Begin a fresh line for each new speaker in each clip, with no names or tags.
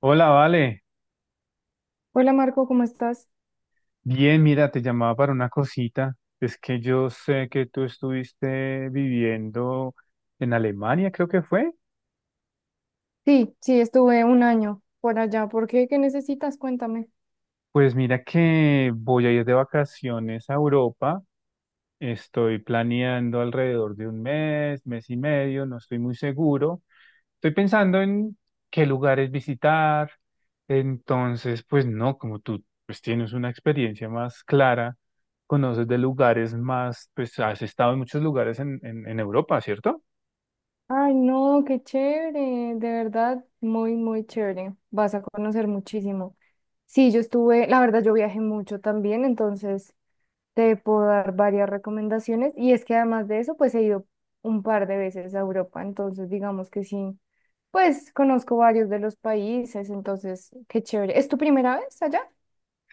Hola, Vale.
Hola Marco, ¿cómo estás?
Bien, mira, te llamaba para una cosita. Es que yo sé que tú estuviste viviendo en Alemania, creo que fue.
Sí, sí, estuve un año por allá. ¿Por qué? ¿Qué necesitas? Cuéntame.
Pues mira que voy a ir de vacaciones a Europa. Estoy planeando alrededor de un mes, mes y medio, no estoy muy seguro. Estoy pensando en qué lugares visitar. Entonces, pues no, como tú pues tienes una experiencia más clara, conoces de lugares más, pues has estado en muchos lugares en Europa, ¿cierto?
Ay, no, qué chévere, de verdad, muy, muy chévere. Vas a conocer muchísimo. Sí, yo estuve, la verdad, yo viajé mucho también, entonces te puedo dar varias recomendaciones. Y es que además de eso, pues he ido un par de veces a Europa, entonces digamos que sí, pues conozco varios de los países, entonces, qué chévere. ¿Es tu primera vez allá?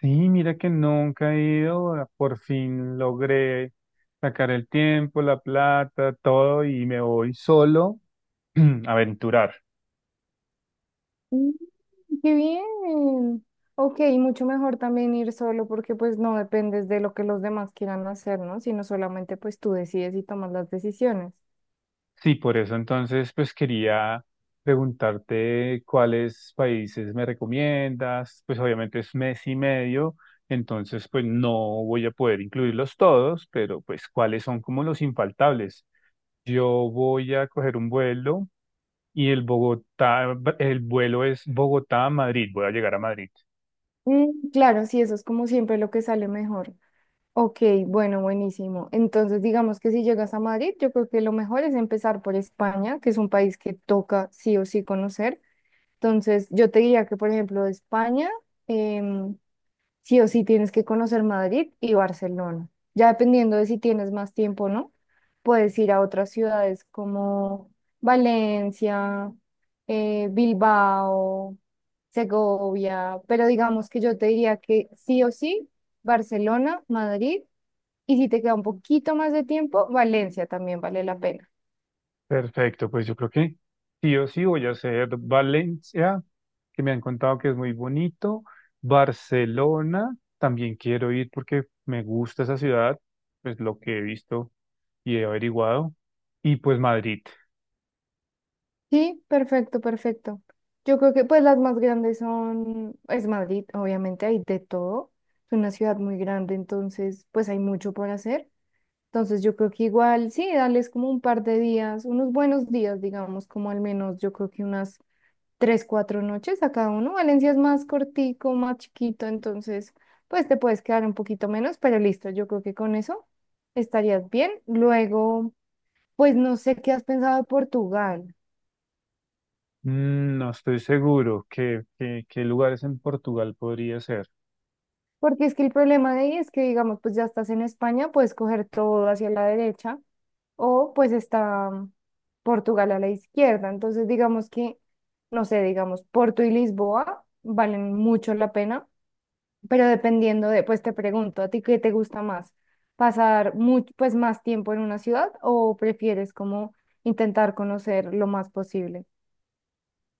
Sí, mira que nunca he ido, ah, por fin logré sacar el tiempo, la plata, todo y me voy solo a aventurar.
Qué bien. Ok, mucho mejor también ir solo porque pues no dependes de lo que los demás quieran hacer, ¿no? Sino solamente pues tú decides y tomas las decisiones.
Sí, por eso entonces pues quería preguntarte cuáles países me recomiendas, pues obviamente es mes y medio, entonces pues no voy a poder incluirlos todos, pero pues cuáles son como los infaltables. Yo voy a coger un vuelo y el Bogotá, el vuelo es Bogotá-Madrid, a Madrid, voy a llegar a Madrid.
Mm, claro, sí, eso es como siempre lo que sale mejor. Ok, bueno, buenísimo. Entonces, digamos que si llegas a Madrid, yo creo que lo mejor es empezar por España, que es un país que toca sí o sí conocer. Entonces, yo te diría que, por ejemplo, España, em, sí o sí tienes que conocer Madrid y Barcelona. Ya dependiendo de si tienes más tiempo o no, puedes ir a otras ciudades como Valencia, Bilbao, Segovia, pero digamos que yo te diría que sí o sí, Barcelona, Madrid, y si te queda un poquito más de tiempo, Valencia también vale la pena.
Perfecto, pues yo creo que sí o sí voy a hacer Valencia, que me han contado que es muy bonito. Barcelona, también quiero ir porque me gusta esa ciudad, pues lo que he visto y he averiguado. Y pues Madrid.
Sí, perfecto, perfecto. Yo creo que pues las más grandes son, es Madrid, obviamente hay de todo. Es una ciudad muy grande, entonces pues hay mucho por hacer. Entonces yo creo que igual, sí, darles como un par de días, unos buenos días, digamos, como al menos yo creo que unas 3, 4 noches a cada uno. Valencia es más cortico, más chiquito, entonces pues te puedes quedar un poquito menos, pero listo, yo creo que con eso estarías bien. Luego, pues no sé qué has pensado de Portugal.
Mm, no estoy seguro qué, qué lugares en Portugal podría ser.
Porque es que el problema de ahí es que, digamos, pues ya estás en España, puedes coger todo hacia la derecha o pues está Portugal a la izquierda. Entonces, digamos que, no sé, digamos, Porto y Lisboa valen mucho la pena, pero dependiendo de, pues te pregunto, ¿a ti qué te gusta más? ¿Pasar mucho, pues más tiempo en una ciudad o prefieres como intentar conocer lo más posible?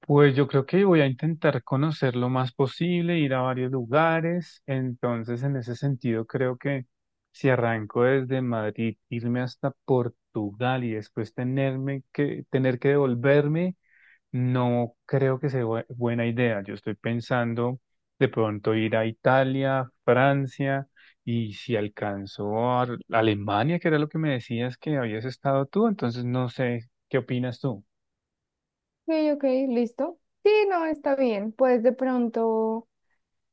Pues yo creo que voy a intentar conocer lo más posible, ir a varios lugares. Entonces, en ese sentido, creo que si arranco desde Madrid, irme hasta Portugal y después tener que devolverme, no creo que sea buena idea. Yo estoy pensando de pronto ir a Italia, Francia y si alcanzo a Alemania, que era lo que me decías que habías estado tú, entonces no sé, ¿qué opinas tú?
Ok, ok, listo. Sí, no, está bien. Pues de pronto.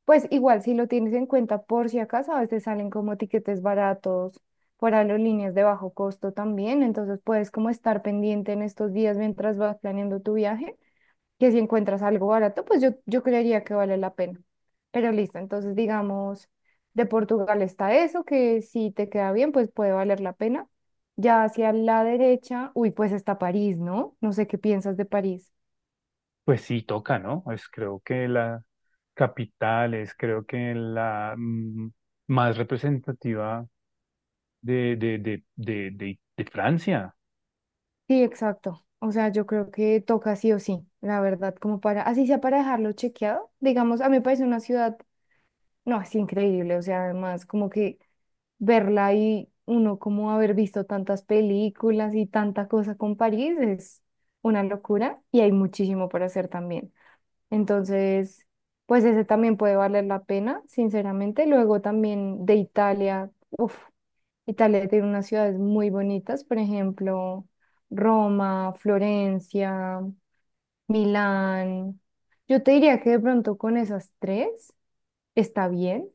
Pues igual, si lo tienes en cuenta por si acaso, a veces salen como tiquetes baratos por aerolíneas de bajo costo también, entonces puedes como estar pendiente en estos días mientras vas planeando tu viaje, que si encuentras algo barato, pues yo creería que vale la pena. Pero listo, entonces digamos, de Portugal está eso, que si te queda bien, pues puede valer la pena. Ya hacia la derecha, uy, pues está París, ¿no? No sé qué piensas de París.
Pues sí, toca, ¿no? Es creo que la capital, es creo que la más representativa de Francia.
Sí, exacto. O sea, yo creo que toca sí o sí, la verdad, como para, así sea para dejarlo chequeado. Digamos, a mí me parece una ciudad, no, es increíble. O sea, además, como que verla y uno como haber visto tantas películas y tanta cosa con París es una locura y hay muchísimo por hacer también. Entonces, pues ese también puede valer la pena, sinceramente. Luego también de Italia, uff. Italia tiene unas ciudades muy bonitas, por ejemplo, Roma, Florencia, Milán. Yo te diría que de pronto con esas tres está bien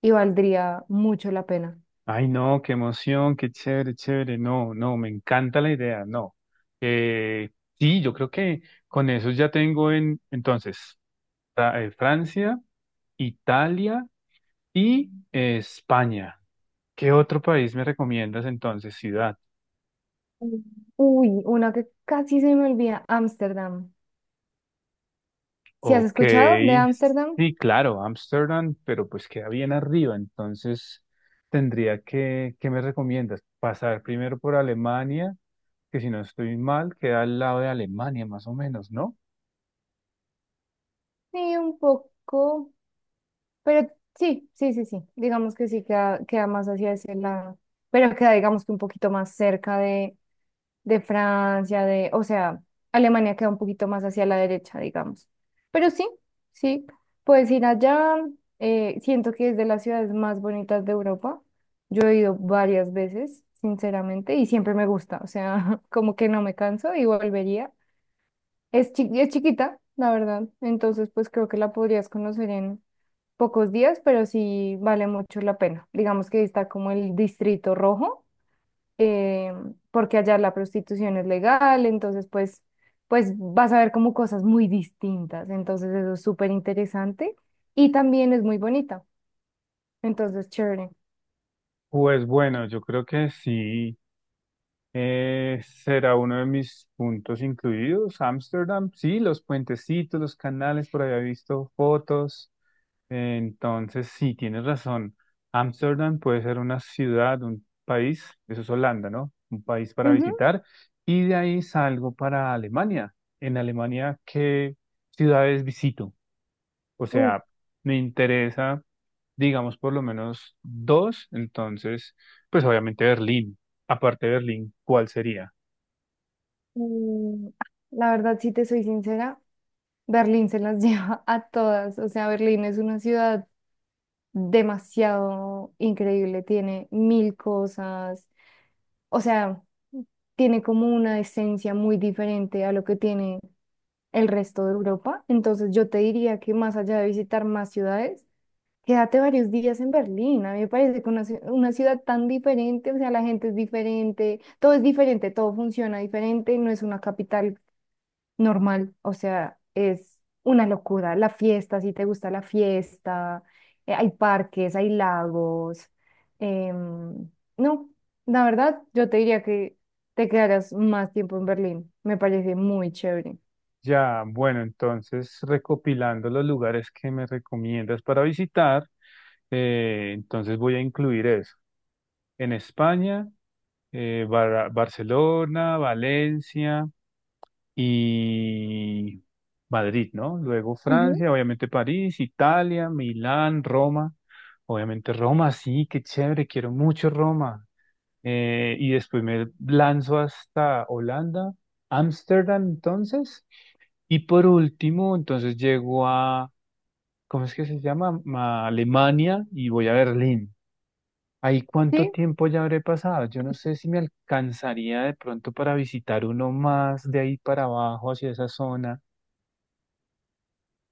y valdría mucho la pena.
Ay, no, qué emoción, qué chévere, chévere. No, no, me encanta la idea, no. Eh, sí, yo creo que con eso ya tengo en, entonces, Francia, Italia y España. ¿Qué otro país me recomiendas entonces, ciudad?
Mm. Uy, una que casi se me olvida, Ámsterdam. ¿Si has
Ok,
escuchado de Ámsterdam?
sí, claro, Ámsterdam, pero pues queda bien arriba, entonces tendría que, ¿qué me recomiendas? Pasar primero por Alemania, que si no estoy mal, queda al lado de Alemania más o menos, ¿no?
Sí, un poco, pero sí, sí, sí, sí. Digamos que sí queda más hacia ese lado, pero queda digamos que un poquito más cerca de Francia, de, o sea, Alemania queda un poquito más hacia la derecha, digamos. Pero sí, sí, puedes ir allá. Siento que es de las ciudades más bonitas de Europa. Yo he ido varias veces, sinceramente, y siempre me gusta, o sea, como que no me canso y volvería. Es chiquita, la verdad, entonces pues creo que la podrías conocer en pocos días, pero sí vale mucho la pena. Digamos que está como el distrito rojo eh, porque allá la prostitución es legal, entonces pues vas a ver como cosas muy distintas, entonces eso es súper interesante y también es muy bonita, entonces chévere.
Pues bueno, yo creo que sí, será uno de mis puntos incluidos, Ámsterdam, sí, los puentecitos, los canales, por ahí he visto fotos. Entonces, sí, tienes razón. Ámsterdam puede ser una ciudad, un país, eso es Holanda, ¿no? Un país para
Ujú.
visitar. Y de ahí salgo para Alemania. En Alemania, ¿qué ciudades visito? O
Uf,
sea, me interesa, digamos, por lo menos dos. Entonces, pues obviamente Berlín. Aparte de Berlín, ¿cuál sería?
mm, la verdad, si te soy sincera, Berlín se las lleva a todas, o sea, Berlín es una ciudad demasiado increíble, tiene mil cosas, o sea, tiene como una esencia muy diferente a lo que tiene el resto de Europa. Entonces yo te diría que más allá de visitar más ciudades, quédate varios días en Berlín. A mí me parece que una ciudad tan diferente, o sea, la gente es diferente, todo funciona diferente, no es una capital normal, o sea, es una locura. La fiesta, si te gusta la fiesta, hay parques, hay lagos. em, no, la verdad, yo te diría que te quedaras más tiempo en Berlín. Me parece muy chévere.
Ya, bueno, entonces recopilando los lugares que me recomiendas para visitar, entonces voy a incluir eso. En España, Barcelona, Valencia y Madrid, ¿no? Luego
Ujú.
Francia, obviamente París, Italia, Milán, Roma. Obviamente Roma, sí, qué chévere, quiero mucho Roma. Y después me lanzo hasta Holanda, Ámsterdam, entonces. Y por último, entonces llego a, ¿cómo es que se llama? A Alemania y voy a Berlín. Ahí cuánto
Sí,
tiempo ya habré pasado. Yo no sé si me alcanzaría de pronto para visitar uno más de ahí para abajo, hacia esa zona.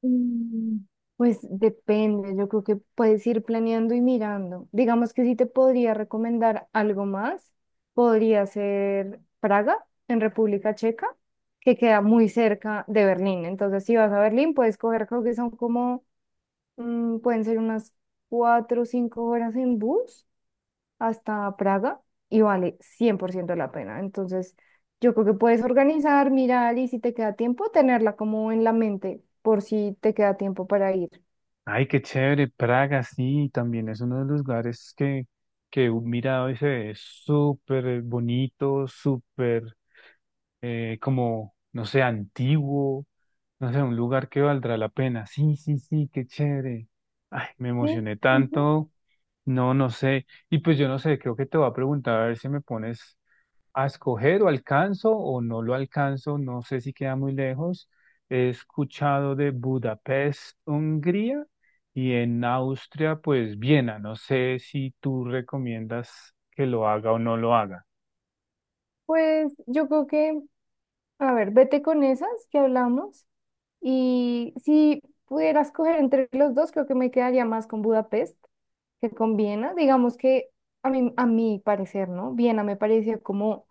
Mm, Pues depende, yo creo que puedes ir planeando y mirando. Digamos que si te podría recomendar algo más, podría ser Praga, en República Checa, que queda muy cerca de Berlín. Entonces, si vas a Berlín, puedes coger, creo que son como, pueden ser unas 4 o 5 horas en bus hasta Praga y vale 100% la pena. Entonces, yo creo que puedes organizar, mirar y si te queda tiempo, tenerla como en la mente por si te queda tiempo para ir.
Ay, qué chévere. Praga, sí, también es uno de los lugares que he mirado y se ve súper bonito, súper como, no sé, antiguo. No sé, un lugar que valdrá la pena. Sí, sí, sí, qué chévere. Ay, me
Sí,
emocioné
ujú.
tanto. No, no sé. Y pues yo no sé, creo que te voy a preguntar a ver si me pones a escoger o alcanzo o no lo alcanzo, no sé si queda muy lejos. He escuchado de Budapest, Hungría y en Austria, pues Viena. No sé si tú recomiendas que lo haga o no lo haga.
Pues yo creo que, a ver, vete con esas que hablamos y si pudieras coger entre los dos, creo que me quedaría más con Budapest que con Viena. Digamos que a mí, a mi parecer, ¿no? Viena me pareció como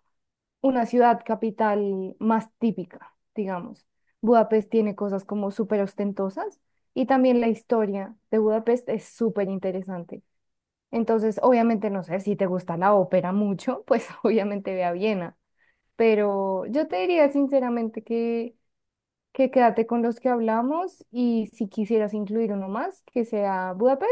una ciudad capital más típica, digamos. Budapest tiene cosas como súper ostentosas y también la historia de Budapest es súper interesante. Entonces, obviamente, no sé, si te gusta la ópera mucho, pues obviamente ve a Viena, pero yo te diría sinceramente que, quédate con los que hablamos y si quisieras incluir uno más, que sea Budapest.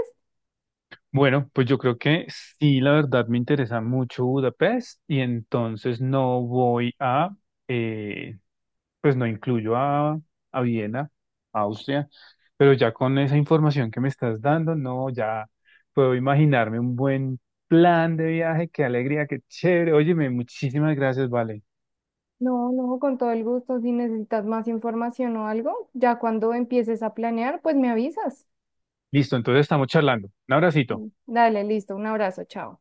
Bueno, pues yo creo que sí, la verdad me interesa mucho Budapest y entonces no voy a, eh, pues no incluyo a Viena, Austria, pero ya con esa información que me estás dando, no, ya puedo imaginarme un buen plan de viaje, qué alegría, qué chévere. Óyeme, muchísimas gracias, vale.
No, no, con todo el gusto. Si necesitas más información o algo, ya cuando empieces a planear, pues me avisas.
Listo, entonces estamos charlando. Un abracito.
Dale, listo. Un abrazo, chao.